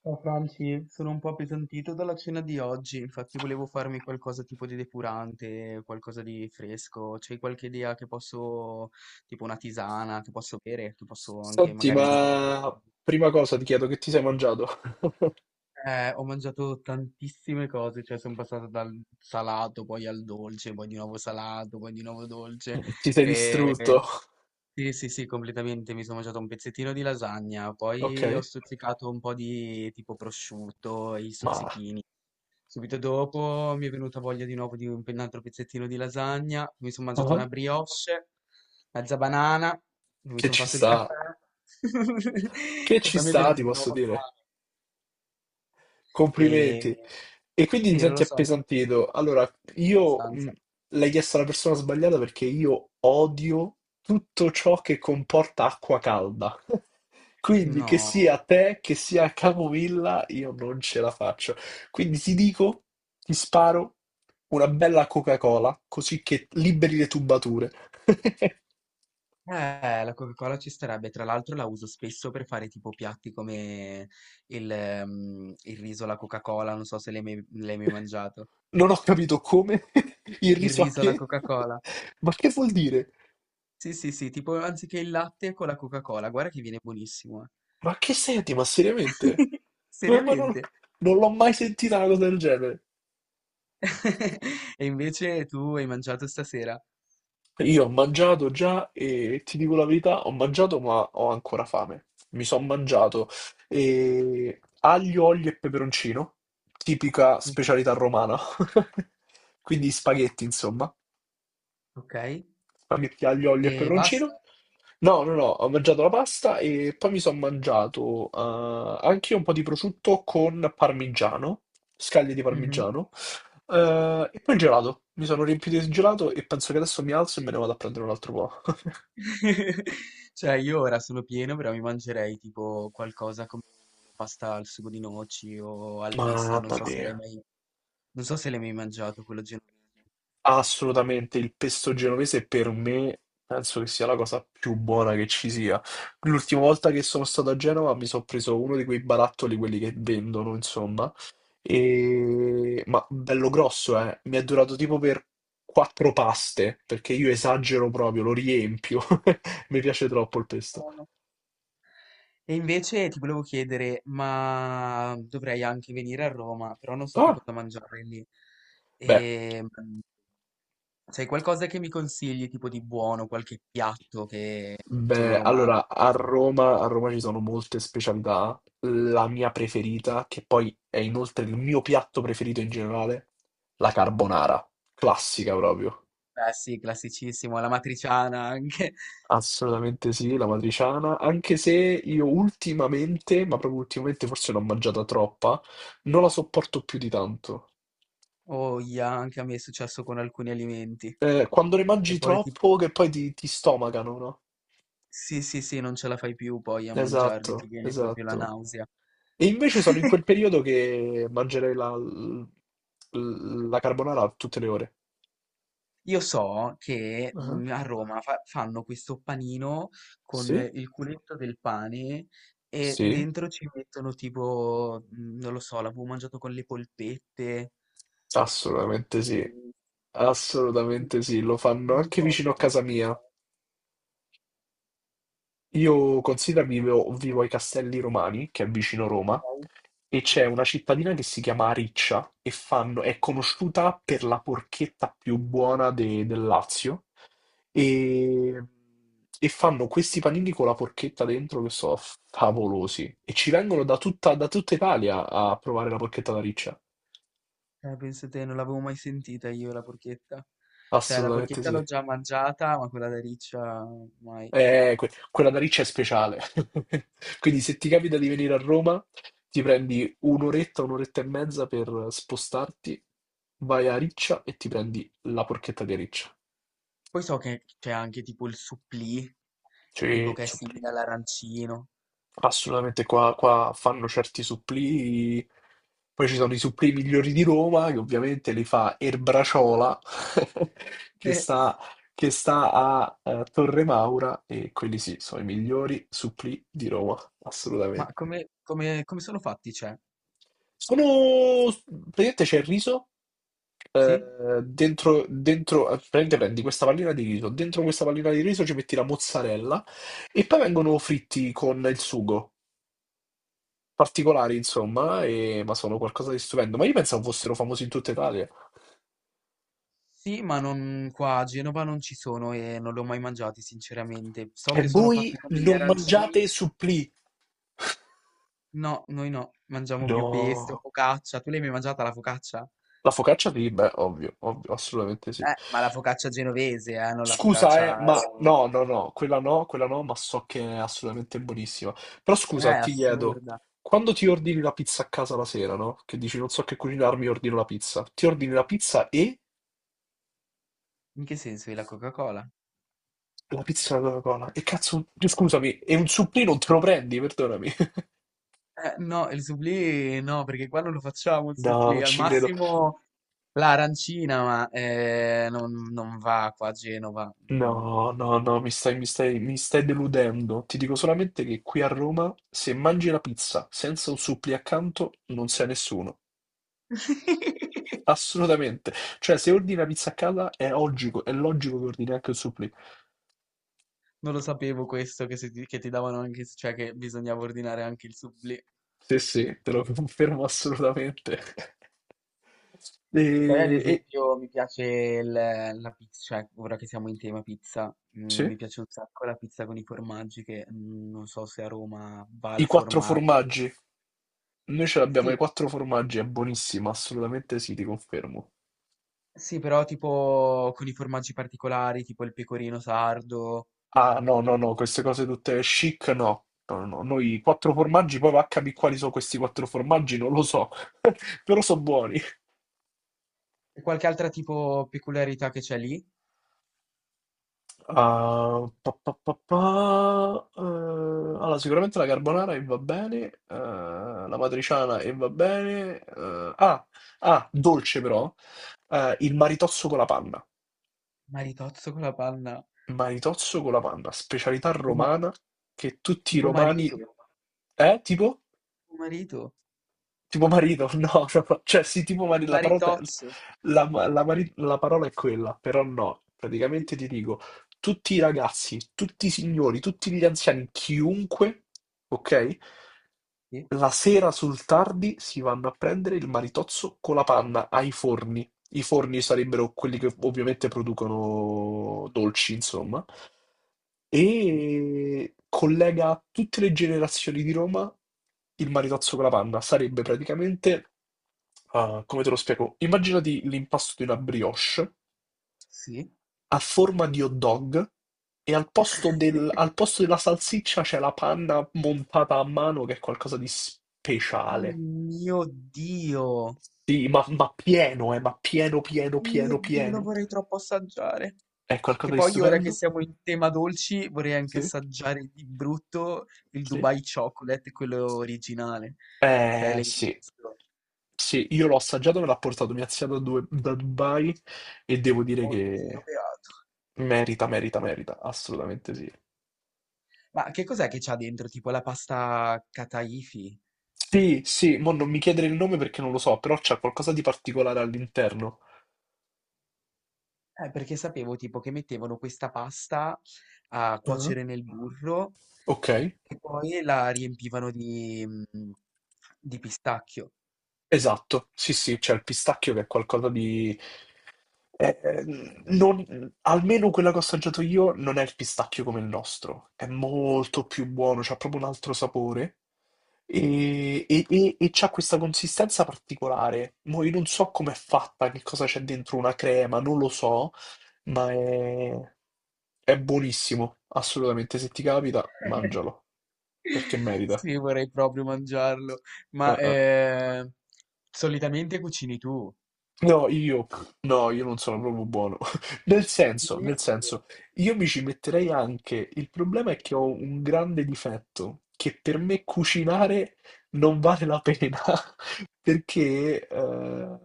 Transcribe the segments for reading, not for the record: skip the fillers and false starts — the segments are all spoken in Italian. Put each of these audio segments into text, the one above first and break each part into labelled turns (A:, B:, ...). A: Ciao Franci, sono un po' appesantito dalla cena di oggi, infatti volevo farmi qualcosa tipo di depurante, qualcosa di fresco. C'hai qualche idea che posso, tipo una tisana, che posso bere, che posso anche
B: Senti,
A: magari mangiare qualcosa?
B: ma prima cosa ti chiedo che ti sei mangiato?
A: Ho mangiato tantissime cose, cioè sono passato dal salato, poi al dolce, poi di nuovo salato, poi di nuovo dolce.
B: Ti sei
A: E...
B: distrutto?
A: Sì, sì, sì, completamente. Mi sono mangiato un pezzettino di lasagna,
B: Ok,
A: poi ho stuzzicato un po' di tipo prosciutto, i
B: ma
A: stuzzichini. Subito dopo mi è venuta voglia di nuovo di un altro pezzettino di lasagna, mi sono mangiato
B: ma
A: una brioche, mezza banana, mi
B: che
A: sono
B: ci
A: fatto il
B: sta?
A: caffè
B: Che
A: e
B: ci
A: poi mi è
B: sta,
A: venuto
B: ti
A: di
B: posso
A: nuovo
B: dire?
A: fame.
B: Complimenti.
A: E
B: E quindi ti
A: sì, non lo
B: senti
A: so,
B: appesantito. Allora, io
A: abbastanza.
B: l'hai chiesto alla persona sbagliata perché io odio tutto ciò che comporta acqua calda. Quindi, che sia
A: No,
B: te, che sia Capovilla, io non ce la faccio. Quindi ti dico, ti sparo una bella Coca-Cola, così che liberi le tubature.
A: la Coca-Cola ci starebbe, tra l'altro la uso spesso per fare tipo piatti come il riso alla Coca-Cola, non so se l'hai mai, l'hai mai mangiato.
B: Non ho capito come, il
A: Il
B: riso a
A: riso alla
B: che,
A: Coca-Cola.
B: ma che vuol dire?
A: Sì, sì, sì, tipo anziché il latte con la Coca-Cola, guarda che viene buonissimo.
B: Ma che senti? Ma seriamente? Ma non,
A: Seriamente.
B: non l'ho mai sentita una cosa del genere.
A: E invece tu hai mangiato stasera.
B: Io ho mangiato già e ti dico la verità, ho mangiato ma ho ancora fame. Mi sono mangiato aglio, olio e peperoncino, tipica
A: Mhm.
B: specialità romana. Quindi spaghetti, insomma.
A: Ok?
B: Spaghetti aglio, olio e
A: E basta.
B: peperoncino. No, no, no, ho mangiato la pasta e poi mi sono mangiato anche io un po' di prosciutto con parmigiano, scaglie di
A: Mhm.
B: parmigiano, e poi il gelato. Mi sono riempito di gelato e penso che adesso mi alzo e me ne vado a prendere un altro po'.
A: Cioè, io ora sono pieno, però mi mangerei tipo qualcosa come una pasta al sugo di noci o al pesto, non
B: Mamma
A: so se l'hai
B: mia,
A: mai, non so se l'hai mai mangiato quello genovese.
B: assolutamente il pesto genovese per me penso che sia la cosa più buona che ci sia. L'ultima volta che sono stato a Genova mi sono preso uno di quei barattoli, quelli che vendono, insomma. Ma bello grosso, eh. Mi è durato tipo per quattro paste, perché io esagero proprio, lo riempio. Mi piace troppo il pesto.
A: E invece ti volevo chiedere, ma dovrei anche venire a Roma, però non so che
B: Ah,
A: cosa mangiare lì.
B: beh,
A: Ehm, c'è qualcosa che mi consigli, tipo di buono, qualche piatto che è solo
B: beh,
A: romano?
B: allora, a Roma ci sono molte specialità. La mia preferita, che poi è inoltre il mio piatto preferito in generale, la carbonara. Classica proprio.
A: Eh sì, classicissimo, la matriciana anche.
B: Assolutamente sì, la matriciana, anche se io ultimamente, ma proprio ultimamente forse l'ho mangiata troppa, non la sopporto più di tanto.
A: Oh, ia, anche a me è successo con alcuni alimenti.
B: Quando ne
A: E
B: mangi
A: poi ti...
B: troppo che poi ti stomacano, no?
A: Sì, sì, sì, non ce la fai più poi a mangiarli, ti
B: Esatto,
A: viene proprio la
B: esatto.
A: nausea.
B: E invece sono in quel periodo che mangerei la carbonara tutte le ore.
A: Io so che
B: Ah,
A: a Roma fanno questo panino con
B: sì?
A: il culetto del pane e
B: Sì?
A: dentro ci mettono tipo, non lo so, l'avevo mangiato con le polpette.
B: Assolutamente sì,
A: Mm,
B: assolutamente sì, lo fanno
A: non
B: anche vicino
A: ricordo
B: a
A: come
B: casa
A: si
B: mia.
A: chiama,
B: Io considero vivo ai Castelli Romani, che è vicino Roma,
A: ok?
B: e c'è una cittadina che si chiama Riccia e è conosciuta per la porchetta più buona del Lazio. E, e fanno questi panini con la porchetta dentro che sono favolosi. E ci vengono da tutta Italia a provare la porchetta da Riccia.
A: Pensa te, non l'avevo mai sentita io la porchetta. Cioè, la
B: Assolutamente
A: porchetta l'ho
B: sì.
A: già mangiata, ma quella da riccia mai.
B: Quella da Riccia è speciale. Quindi se ti capita di venire a Roma, ti prendi un'oretta, un'oretta e mezza per spostarti, vai a Riccia e ti prendi la porchetta di Riccia.
A: Poi so che c'è anche tipo il supplì, tipo
B: Cioè,
A: che è
B: supplì.
A: simile all'arancino.
B: Assolutamente qua fanno certi supplì. Poi ci sono i supplì migliori di Roma, che ovviamente li fa Erbraciola, che sta, che sta a Torre Maura, e quelli sì, sono i migliori supplì di Roma,
A: Ma
B: assolutamente.
A: come, come sono fatti, cioè?
B: Sono. Praticamente c'è il riso,
A: Sì?
B: dentro, praticamente prendi questa pallina di riso, dentro questa pallina di riso ci metti la mozzarella e poi vengono fritti con il sugo. Particolari, insomma, ma sono qualcosa di stupendo. Ma io pensavo fossero famosi in tutta Italia.
A: Sì, ma non qua a Genova non ci sono e non li ho mai mangiati, sinceramente. So
B: E
A: che sono
B: voi
A: fatti come gli
B: non mangiate
A: arancini.
B: supplì?
A: No, noi no, mangiamo più pesto,
B: No.
A: focaccia. Tu l'hai mai mangiata la focaccia?
B: La focaccia di, beh, ovvio, ovvio, assolutamente sì.
A: Ma la focaccia genovese, non la
B: Scusa,
A: focaccia
B: ma
A: rom.
B: no, no, no, quella no, quella no, ma so che è assolutamente buonissima. Però scusa, ti chiedo,
A: Assurda.
B: quando ti ordini la pizza a casa la sera, no? Che dici non so che cucinarmi, ordino la pizza. Ti ordini la pizza e
A: In che senso è la Coca-Cola?
B: la pizza alla Coca-Cola. E cazzo, scusami, e un supplì non te lo prendi, perdonami.
A: No, il supplì no, perché qua non lo facciamo il
B: No,
A: supplì,
B: non
A: al
B: ci credo.
A: massimo l'arancina, ma non va qua a Genova. Mm.
B: No, no, no, mi stai deludendo. Ti dico solamente che qui a Roma, se mangi la pizza senza un suppli accanto, non sei nessuno. Assolutamente. Cioè, se ordini la pizza a casa, è logico che ordini anche il supplì.
A: Non lo sapevo questo, che, se ti, che ti davano anche, cioè che bisognava ordinare anche il supplì.
B: Sì, sì, te lo confermo assolutamente. E,
A: Poi ad
B: e-
A: esempio mi piace la pizza, cioè ora che siamo in tema pizza,
B: sì,
A: mi piace un sacco la pizza con i formaggi che non so se a Roma va
B: i
A: al
B: quattro
A: formaggio.
B: formaggi. Noi ce l'abbiamo, i
A: Sì,
B: quattro formaggi, è buonissima, assolutamente sì, ti confermo.
A: sì, però tipo con i formaggi particolari, tipo il pecorino sardo
B: Ah, no, no, no, queste cose tutte chic, no. No, no, noi quattro formaggi, poi va a capire quali sono questi quattro formaggi, non lo so, però sono buoni.
A: e qualche altra tipo peculiarità che c'è lì.
B: Allora, sicuramente la carbonara e va bene, la matriciana e va bene. Dolce però, il maritozzo con la panna.
A: Maritozzo con la panna,
B: Maritozzo con la panna, specialità
A: tipo, ma-
B: romana che tutti i
A: tipo
B: romani.
A: marito,
B: Tipo?
A: marito,
B: Tipo marito, no, no, no. Cioè sì, tipo marito, la parola,
A: maritozzo.
B: la parola è quella, però no, praticamente ti dico, tutti i ragazzi, tutti i signori, tutti gli anziani, chiunque, ok?
A: Sì,
B: La sera sul tardi si vanno a prendere il maritozzo con la panna ai forni. I forni sarebbero quelli che ovviamente producono dolci, insomma,
A: sì.
B: e collega tutte le generazioni di Roma il maritozzo con la panna. Sarebbe praticamente. Ah, come te lo spiego? Immaginati l'impasto di una brioche
A: Sì.
B: a forma di hot dog e al posto della salsiccia c'è la panna montata a mano che è qualcosa di
A: Oh
B: speciale.
A: mio Dio,
B: Sì, ma pieno, pieno,
A: oh mio
B: pieno,
A: Dio, lo
B: pieno.
A: vorrei troppo assaggiare.
B: È
A: Che
B: qualcosa di
A: poi ora che
B: stupendo?
A: siamo in tema dolci, vorrei anche
B: Sì,
A: assaggiare di brutto il
B: sì.
A: Dubai Chocolate, quello originale. Cioè, l'hai
B: Sì,
A: visto?
B: sì, io l'ho assaggiato, me l'ha portato mia zia da Dubai e devo dire
A: Oddio,
B: che
A: beato.
B: merita, merita, merita, assolutamente sì.
A: Ma che cos'è che c'ha dentro? Tipo la pasta kataifi?
B: Sì, sì, mo non mi chiedere il nome perché non lo so, però c'è qualcosa di particolare all'interno.
A: Perché sapevo tipo che mettevano questa pasta a
B: Ah.
A: cuocere nel burro.
B: Ok,
A: E poi la riempivano di, di pistacchio.
B: esatto, sì, sì, c'è il pistacchio che è qualcosa di. Eh, eh, non- almeno quella che ho assaggiato io non è il pistacchio come il nostro, è molto più buono, c'ha proprio un altro sapore e c'ha questa consistenza particolare. Mo io non so com'è fatta, che cosa c'è dentro una crema, non lo so, ma è buonissimo, assolutamente. Se ti capita, mangialo, perché merita.
A: Sì, vorrei proprio mangiarlo. Ma
B: Eh.
A: eh, Solitamente cucini tu.
B: No, io, no, io non sono proprio buono. Nel senso, io mi ci metterei anche. Il problema è che ho un grande difetto, che per me cucinare non vale la pena, perché,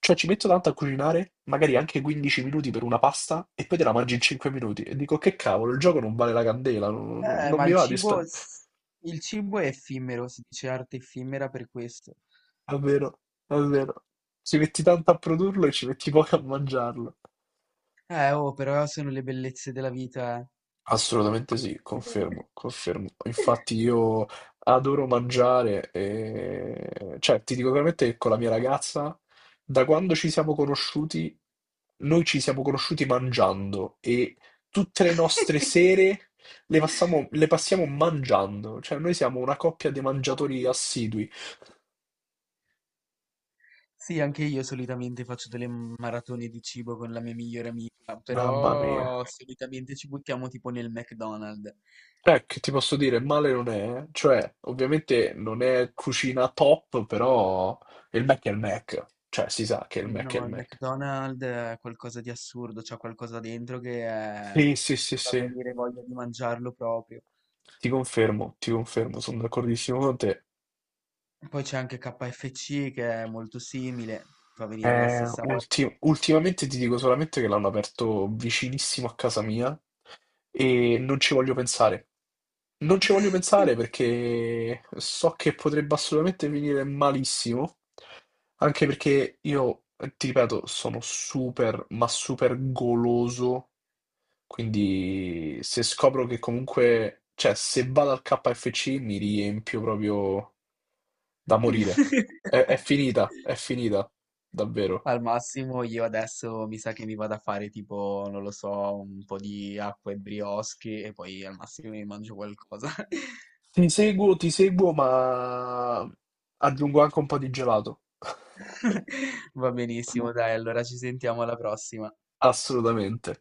B: cioè, ci metto tanto a cucinare, magari anche 15 minuti per una pasta, e poi te la mangi in 5 minuti. E dico, che cavolo, il gioco non vale la candela,
A: Eh,
B: non
A: ma
B: mi
A: il
B: va di
A: cibo,
B: spendere.
A: s- il cibo è effimero, si dice arte effimera per questo.
B: È vero, è vero. Ci metti tanto a produrlo e ci metti poco a mangiarlo.
A: Oh, però sono le bellezze della vita.
B: Assolutamente sì, confermo,
A: Eh.
B: confermo. Infatti io adoro mangiare e. Cioè, ti dico veramente che con la mia ragazza, da quando ci siamo conosciuti, noi ci siamo conosciuti mangiando e tutte le nostre sere le passiamo mangiando. Cioè, noi siamo una coppia di
A: Oh,
B: mangiatori
A: yeah.
B: assidui.
A: Sì, anche io solitamente faccio delle maratone di cibo con la mia migliore amica,
B: Mamma mia.
A: però solitamente ci buttiamo tipo nel McDonald's.
B: Che ti posso dire, male non è, eh. Cioè, ovviamente non è cucina top, però il Mac è il Mac, cioè si sa che il
A: Sì,
B: Mac è
A: no,
B: il
A: il
B: Mac.
A: McDonald's è qualcosa di assurdo, c'è qualcosa dentro che
B: Sì, sì, sì,
A: fa
B: sì,
A: venire voglia di mangiarlo proprio.
B: ti confermo, sono d'accordissimo con te.
A: Poi c'è anche KFC che è molto simile, fa venire la stessa voglia.
B: Ultimamente ti dico solamente che l'hanno aperto vicinissimo a casa mia e non ci voglio pensare. Non ci voglio pensare perché so che potrebbe assolutamente finire malissimo. Anche perché io, ti ripeto, sono super, ma super goloso, quindi se scopro che comunque, cioè se vado al KFC mi riempio proprio da morire. È finita, è finita, davvero.
A: Al massimo io adesso mi sa che mi vado a fare tipo, non lo so, un po' di acqua e brioche e poi al massimo mi mangio qualcosa.
B: Ti seguo, ma aggiungo anche un po' di gelato.
A: Va benissimo, dai, allora ci sentiamo alla prossima.
B: Assolutamente.